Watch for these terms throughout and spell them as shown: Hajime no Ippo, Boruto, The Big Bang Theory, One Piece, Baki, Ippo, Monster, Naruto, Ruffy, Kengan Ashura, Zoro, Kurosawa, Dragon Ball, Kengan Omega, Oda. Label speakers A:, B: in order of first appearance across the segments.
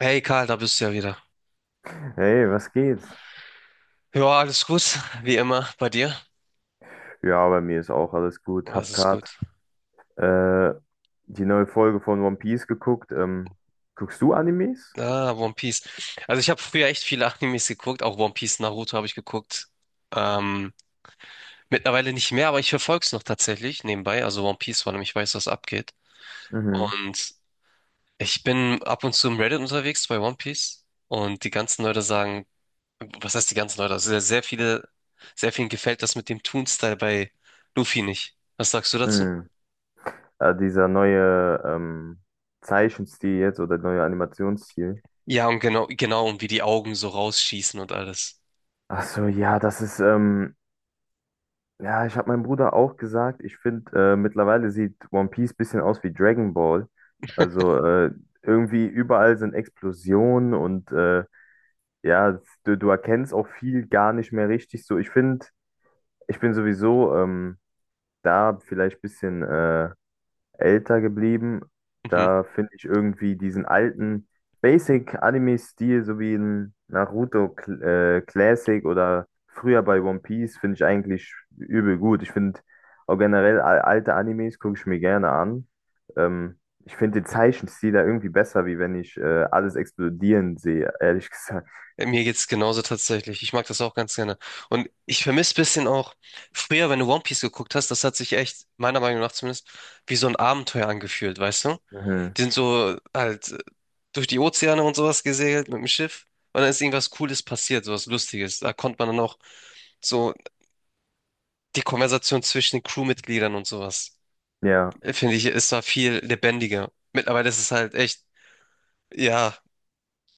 A: Hey Karl, da bist du ja wieder.
B: Hey, was geht?
A: Ja, alles gut, wie immer bei dir.
B: Ja, bei mir ist auch alles gut.
A: Das
B: Hab
A: ist gut.
B: grad äh, die neue Folge von One Piece geguckt. Guckst du Animes?
A: Ah, One Piece. Also ich habe früher echt viele Animes geguckt, auch One Piece, Naruto habe ich geguckt. Ähm, Mittlerweile nicht mehr, aber ich verfolge es noch tatsächlich nebenbei. Also One Piece, weil ich weiß, was abgeht.
B: Mhm.
A: Und ich bin ab und zu im Reddit unterwegs bei One Piece. Und die ganzen Leute sagen, was heißt die ganzen Leute? Also sehr, sehr viele, sehr vielen gefällt das mit dem Toon-Style bei Luffy nicht. Was sagst du dazu?
B: Mhm. Dieser neue Zeichenstil jetzt oder neue Animationsstil.
A: Ja, und genau, genau, und wie die Augen so rausschießen und alles.
B: Ach so, ja, das ist, ja, ich habe meinem Bruder auch gesagt, ich finde, mittlerweile sieht One Piece bisschen aus wie Dragon Ball. Also irgendwie überall sind Explosionen und ja, du erkennst auch viel gar nicht mehr richtig so. Ich finde, ich bin sowieso da vielleicht ein bisschen älter geblieben.
A: Mhm.
B: Da finde ich irgendwie diesen alten Basic-Anime-Stil, so wie in Naruto Classic oder früher bei One Piece, finde ich eigentlich übel gut. Ich finde auch generell alte Animes gucke ich mir gerne an. Ähm, ich finde den Zeichenstil da irgendwie besser, wie wenn ich alles explodieren sehe, ehrlich gesagt.
A: Mir geht's genauso tatsächlich. Ich mag das auch ganz gerne. Und ich vermisse ein bisschen auch, früher, wenn du One Piece geguckt hast, das hat sich echt, meiner Meinung nach zumindest, wie so ein Abenteuer angefühlt, weißt du?
B: Mhm.
A: Die sind so halt durch die Ozeane und sowas gesegelt mit dem Schiff. Und dann ist irgendwas Cooles passiert, sowas Lustiges. Da konnte man dann auch so die Konversation zwischen den Crewmitgliedern und sowas.
B: Ja.
A: Finde ich, es war viel lebendiger. Mittlerweile ist es halt echt, ja,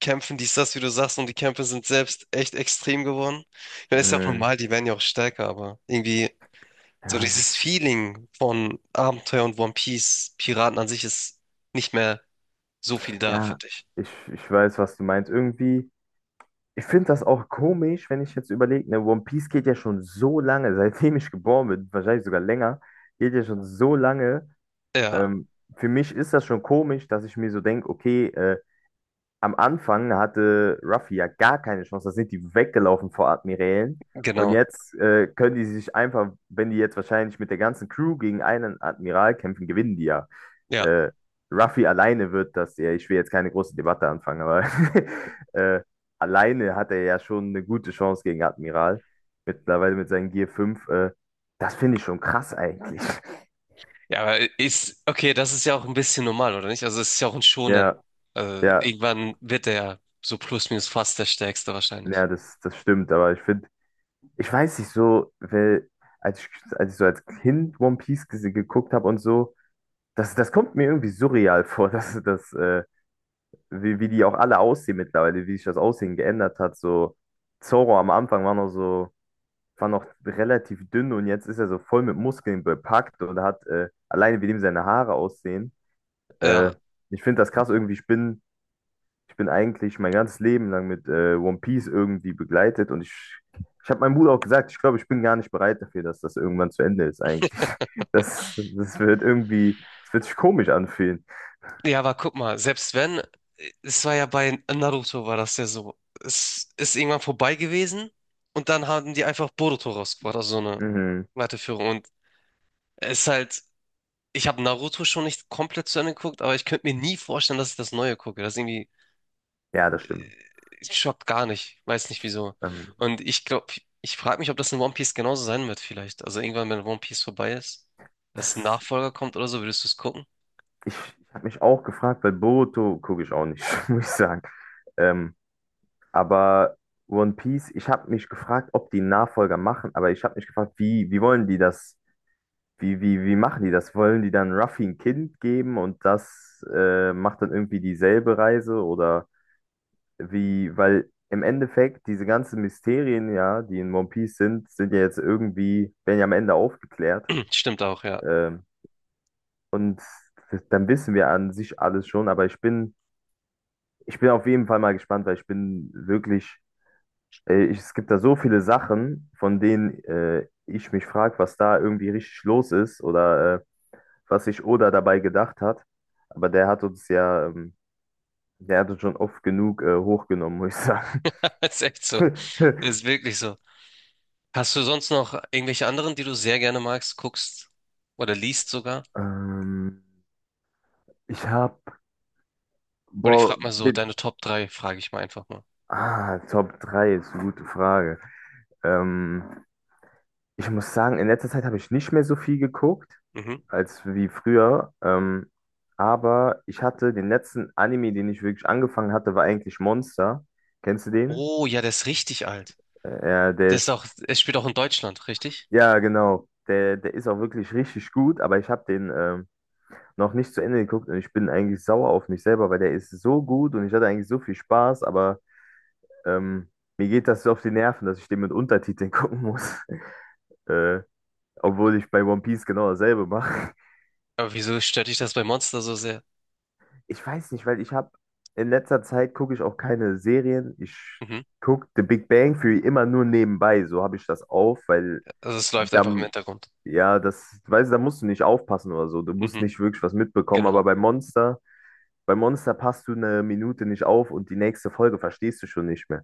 A: Kämpfen, dies, das, wie du sagst, und die Kämpfe sind selbst echt extrem geworden. Ich meine, ist ja auch
B: Mhm.
A: normal, die werden ja auch stärker, aber irgendwie so
B: Ja,
A: dieses
B: das,
A: Feeling von Abenteuer und One Piece, Piraten an sich ist nicht mehr so viel da,
B: ja,
A: finde ich.
B: ich weiß, was du meinst. Irgendwie, ich finde das auch komisch, wenn ich jetzt überlege, ne, One Piece geht ja schon so lange, seitdem ich geboren bin, wahrscheinlich sogar länger, geht ja schon so lange.
A: Ja,
B: Ähm, für mich ist das schon komisch, dass ich mir so denke, okay, am Anfang hatte Ruffy ja gar keine Chance. Da sind die weggelaufen vor Admirälen. Und
A: genau.
B: jetzt können die sich einfach, wenn die jetzt wahrscheinlich mit der ganzen Crew gegen einen Admiral kämpfen, gewinnen die ja.
A: Ja.
B: Äh, Ruffy alleine wird das ja, ich will jetzt keine große Debatte anfangen, aber äh, alleine hat er ja schon eine gute Chance gegen Admiral. Mittlerweile mit seinen Gear 5. Das finde ich schon krass eigentlich.
A: Ja, aber ist, okay, das ist ja auch ein bisschen normal, oder nicht? Also es ist ja auch ein Shonen.
B: Ja,
A: Also
B: ja,
A: irgendwann wird er ja so plus minus fast der Stärkste wahrscheinlich.
B: ja, das, das stimmt, aber ich finde, ich weiß nicht so, weil als ich, als ich so als Kind One Piece geguckt habe und so, das, das kommt mir irgendwie surreal vor, dass das, wie die auch alle aussehen mittlerweile, wie sich das Aussehen geändert hat. So, Zoro am Anfang war noch so, war noch relativ dünn und jetzt ist er so voll mit Muskeln bepackt und hat alleine wie dem seine Haare aussehen. Äh,
A: Ja.
B: ich finde das krass, irgendwie, ich bin eigentlich mein ganzes Leben lang mit One Piece irgendwie begleitet und ich habe meinem Bruder auch gesagt, ich glaube, ich bin gar nicht bereit dafür, dass das irgendwann zu Ende ist eigentlich. Das, das wird irgendwie, es wird sich komisch anfühlen.
A: Ja, aber guck mal, selbst wenn, es war ja bei Naruto war das ja so. Es ist irgendwann vorbei gewesen und dann haben die einfach Boruto rausgebracht, also so eine
B: Mhm.
A: Weiterführung. Und es ist halt, ich habe Naruto schon nicht komplett zu Ende geguckt, aber ich könnte mir nie vorstellen, dass ich das Neue gucke. Das irgendwie,
B: Ja, das stimmt.
A: es schockt gar nicht, weiß nicht wieso.
B: Ähm,
A: Und ich glaube, ich frage mich, ob das in One Piece genauso sein wird vielleicht. Also irgendwann, wenn One Piece vorbei ist, dass ein
B: das,
A: Nachfolger kommt oder so, würdest du es gucken?
B: ich ich habe mich auch gefragt, weil Boruto gucke ich auch nicht, muss ich sagen. Ähm, aber One Piece, ich habe mich gefragt, ob die einen Nachfolger machen, aber ich habe mich gefragt, wie wollen die das. Wie machen die das? Wollen die dann Ruffy ein Kind geben und das macht dann irgendwie dieselbe Reise? Oder wie, weil im Endeffekt diese ganzen Mysterien, ja, die in One Piece sind, sind ja jetzt irgendwie, werden ja am Ende aufgeklärt.
A: Stimmt auch, ja.
B: Ähm, und dann wissen wir an sich alles schon, aber ich bin auf jeden Fall mal gespannt, weil ich bin wirklich, es gibt da so viele Sachen, von denen ich mich frage, was da irgendwie richtig los ist oder was sich Oda dabei gedacht hat. Aber der hat uns ja, der hat uns schon oft genug hochgenommen, muss ich sagen.
A: Ist echt so. Ist wirklich so. Hast du sonst noch irgendwelche anderen, die du sehr gerne magst, guckst oder liest sogar?
B: Ähm, ich habe,
A: Oder ich
B: boah,
A: frage mal so,
B: den,
A: deine Top 3, frage ich mal einfach mal.
B: ah, Top 3, ist eine gute Frage. Ähm, ich muss sagen, in letzter Zeit habe ich nicht mehr so viel geguckt,
A: Mhm.
B: als wie früher. Aber ich hatte den letzten Anime, den ich wirklich angefangen hatte, war eigentlich Monster. Kennst du den?
A: Oh, ja, der ist richtig alt.
B: Ja,
A: Der
B: der
A: ist
B: ist,
A: auch, es spielt auch in Deutschland, richtig?
B: ja, genau. Der ist auch wirklich richtig gut, aber ich habe den noch nicht zu Ende geguckt und ich bin eigentlich sauer auf mich selber, weil der ist so gut und ich hatte eigentlich so viel Spaß, aber ähm, mir geht das so auf die Nerven, dass ich den mit Untertiteln gucken muss. Äh, obwohl ich bei One Piece genau dasselbe mache.
A: Aber wieso stört dich das bei Monster so sehr?
B: Ich weiß nicht, weil ich habe in letzter Zeit gucke ich auch keine Serien. Ich
A: Mhm.
B: gucke The Big Bang Theory immer nur nebenbei. So habe ich das auf, weil
A: Also es läuft einfach im
B: dann,
A: Hintergrund.
B: ja, das, weißt du, da musst du nicht aufpassen oder so. Du musst
A: Mhm.
B: nicht wirklich was mitbekommen.
A: Genau,
B: Bei Monster passt du eine Minute nicht auf und die nächste Folge verstehst du schon nicht mehr.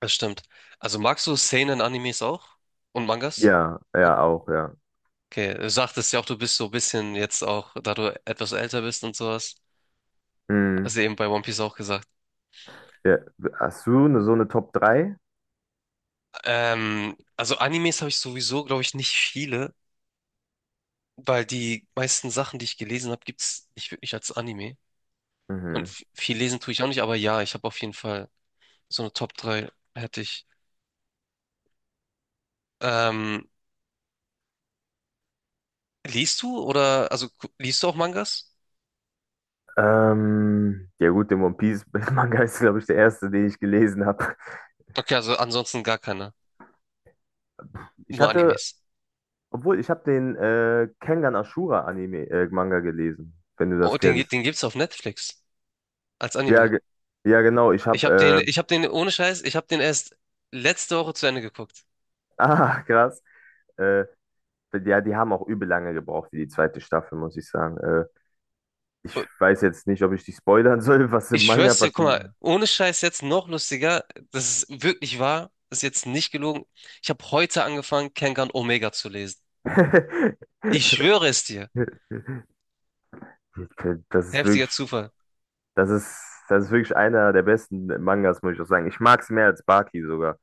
A: das stimmt. Also magst du Seinen-Animes auch? Und Mangas?
B: Ja, ja, auch, ja.
A: Okay, du sagtest ja auch, du bist so ein bisschen jetzt auch, da du etwas älter bist und sowas.
B: Hm,
A: Also eben bei One Piece auch gesagt.
B: ja. Hast du eine, so eine Top 3?
A: Also Animes habe ich sowieso, glaube ich, nicht viele, weil die meisten Sachen, die ich gelesen habe, gibt es nicht wirklich als Anime. Und
B: Mhm.
A: viel lesen tue ich auch nicht, aber ja, ich habe auf jeden Fall so eine Top drei hätte ich. Ähm, Liest du oder, also liest du auch Mangas?
B: Ja gut, den One Piece Manga ist, glaube ich, der erste, den ich gelesen habe.
A: Okay, also ansonsten gar keine,
B: Ich
A: nur
B: hatte
A: Animes.
B: Obwohl, ich habe den Kengan Ashura Anime Manga gelesen, wenn du
A: Oh,
B: das
A: den,
B: kennst.
A: den gibt's auf Netflix als
B: Ja,
A: Anime.
B: ge ja genau, ich habe
A: Ich habe den, ohne Scheiß, ich habe den erst letzte Woche zu Ende geguckt.
B: ah krass. Äh, ja, die haben auch übel lange gebraucht für die zweite Staffel, muss ich sagen. Ich weiß jetzt nicht, ob ich dich spoilern soll, was im
A: Ich
B: Manga
A: schwör's dir, guck
B: passiert.
A: mal, ohne Scheiß jetzt noch lustiger, das ist wirklich wahr, das ist jetzt nicht gelogen. Ich habe heute angefangen, Kengan Omega zu lesen. Ich schwöre es dir.
B: Das ist
A: Heftiger
B: wirklich,
A: Zufall.
B: das ist wirklich einer der besten Mangas, muss ich auch sagen. Ich mag es mehr als Baki sogar.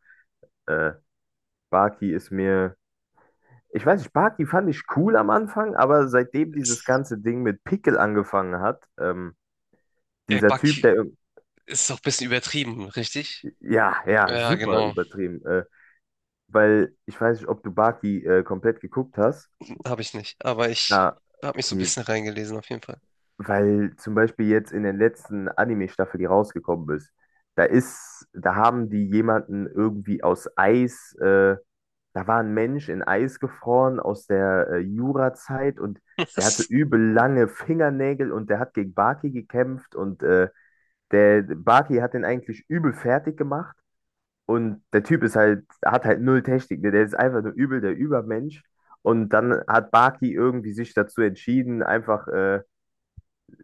B: Äh, Baki ist mir Ich weiß nicht, Barty fand ich cool am Anfang, aber seitdem dieses
A: Ist,
B: ganze Ding mit Pickel angefangen hat, dieser Typ,
A: Baki
B: der, irg-
A: ist doch ein bisschen übertrieben, richtig?
B: ja, ja,
A: Ja,
B: super
A: genau.
B: übertrieben, weil ich weiß nicht, ob du Barty komplett geguckt hast.
A: Habe ich nicht. Aber ich
B: Ah,
A: habe mich so ein
B: okay,
A: bisschen reingelesen, auf jeden Fall.
B: weil zum Beispiel jetzt in den letzten Anime-Staffel, die rausgekommen ist, da haben die jemanden irgendwie aus Eis, da war ein Mensch in Eis gefroren aus der Jurazeit und der hatte so
A: Was?
B: übel lange Fingernägel und der hat gegen Baki gekämpft und der Baki hat den eigentlich übel fertig gemacht und der Typ ist halt, hat halt null Technik, ne? Der ist einfach nur übel der Übermensch. Und dann hat Baki irgendwie sich dazu entschieden, einfach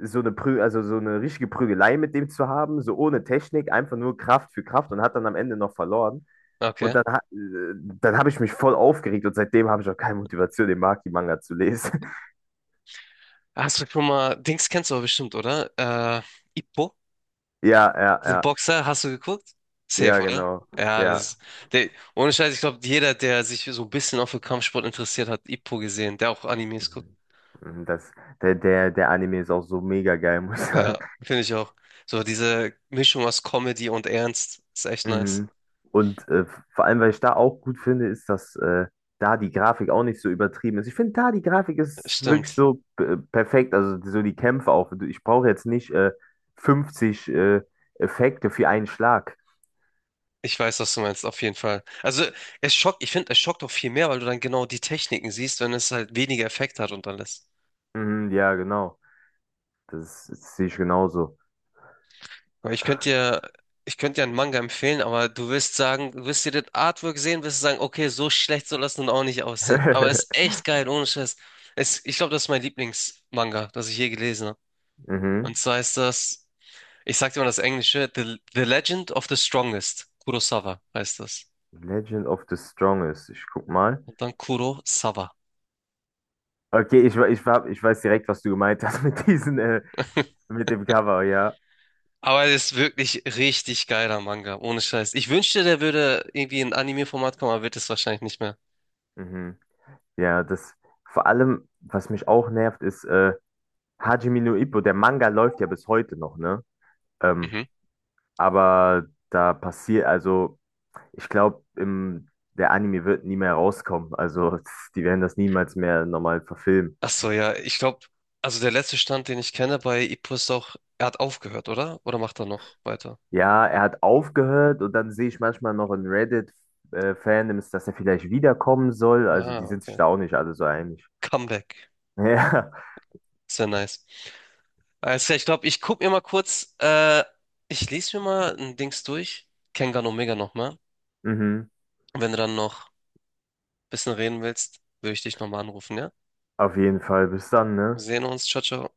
B: so eine Prü also so eine richtige Prügelei mit dem zu haben, so ohne Technik, einfach nur Kraft für Kraft und hat dann am Ende noch verloren. Und
A: Okay.
B: dann habe ich mich voll aufgeregt und seitdem habe ich auch keine Motivation, den Maki-Manga zu lesen.
A: Hast du schon mal, Dings kennst du aber bestimmt, oder? Ippo?
B: Ja, ja,
A: Diesen
B: ja.
A: Boxer hast du geguckt? Safe,
B: Ja,
A: oder?
B: genau.
A: Ja,
B: Ja.
A: das, der, ohne Scheiß, ich glaube, jeder, der sich so ein bisschen auch für Kampfsport interessiert hat, Ippo gesehen, der auch Animes guckt.
B: Mhm. Mhm, das, der Anime ist auch so mega geil, muss ich
A: Ja,
B: sagen.
A: finde ich auch. So diese Mischung aus Comedy und Ernst ist echt nice.
B: Mhm. Und vor allem, weil ich da auch gut finde, ist, dass da die Grafik auch nicht so übertrieben ist. Ich finde, da die Grafik ist wirklich
A: Stimmt.
B: so perfekt. Also so die Kämpfe auch. Ich brauche jetzt nicht 50 Effekte für einen Schlag.
A: Ich weiß, was du meinst, auf jeden Fall. Also, es schockt, ich finde, es schockt auch viel mehr, weil du dann genau die Techniken siehst, wenn es halt weniger Effekt hat und alles.
B: Mhm, ja, genau. Das, das sehe ich genauso.
A: Aber ich könnte dir, ich könnte dir einen Manga empfehlen, aber du wirst sagen, du wirst dir das Artwork sehen, wirst sagen, okay, so schlecht soll das nun auch nicht aussehen. Aber es ist echt geil, ohne Scheiß. Es, ich glaube, das ist mein Lieblingsmanga, das ich je gelesen habe. Und
B: Mhm.
A: zwar ist das, ich sag dir mal das Englische, The Legend of the Strongest. Kurosawa heißt das.
B: Legend of the Strongest. Ich guck mal.
A: Und dann Kurosawa.
B: Okay, ich, we- ich, hab- ich weiß direkt, was du gemeint hast mit diesen, mit dem Cover, ja.
A: Aber es ist wirklich richtig geiler Manga, ohne Scheiß. Ich wünschte, der würde irgendwie in Anime-Format kommen, aber wird es wahrscheinlich nicht mehr.
B: Mhm. Ja, das vor allem, was mich auch nervt, ist Hajime no Ippo. Der Manga läuft ja bis heute noch, ne? Ähm,
A: Mhm.
B: aber da passiert, also ich glaube, der Anime wird nie mehr rauskommen. Also die werden das niemals mehr normal verfilmen.
A: Ach so, ja, ich glaube, also der letzte Stand, den ich kenne bei Ippo ist auch, er hat aufgehört, oder? Oder macht er noch weiter?
B: Ja, er hat aufgehört und dann sehe ich manchmal noch in Reddit-Fandoms, dass er vielleicht wiederkommen soll. Also die
A: Ah,
B: sind sich
A: okay.
B: da auch nicht alle so einig.
A: Comeback.
B: Ja,
A: Sehr nice. Alles klar, ich glaube, ich gucke mir mal kurz, ich lese mir mal ein Dings durch. Kengan Omega nochmal.
B: mhm.
A: Und wenn du dann noch ein bisschen reden willst, würde ich dich nochmal anrufen, ja?
B: Auf jeden Fall. Bis dann,
A: Wir
B: ne?
A: sehen uns. Ciao, ciao.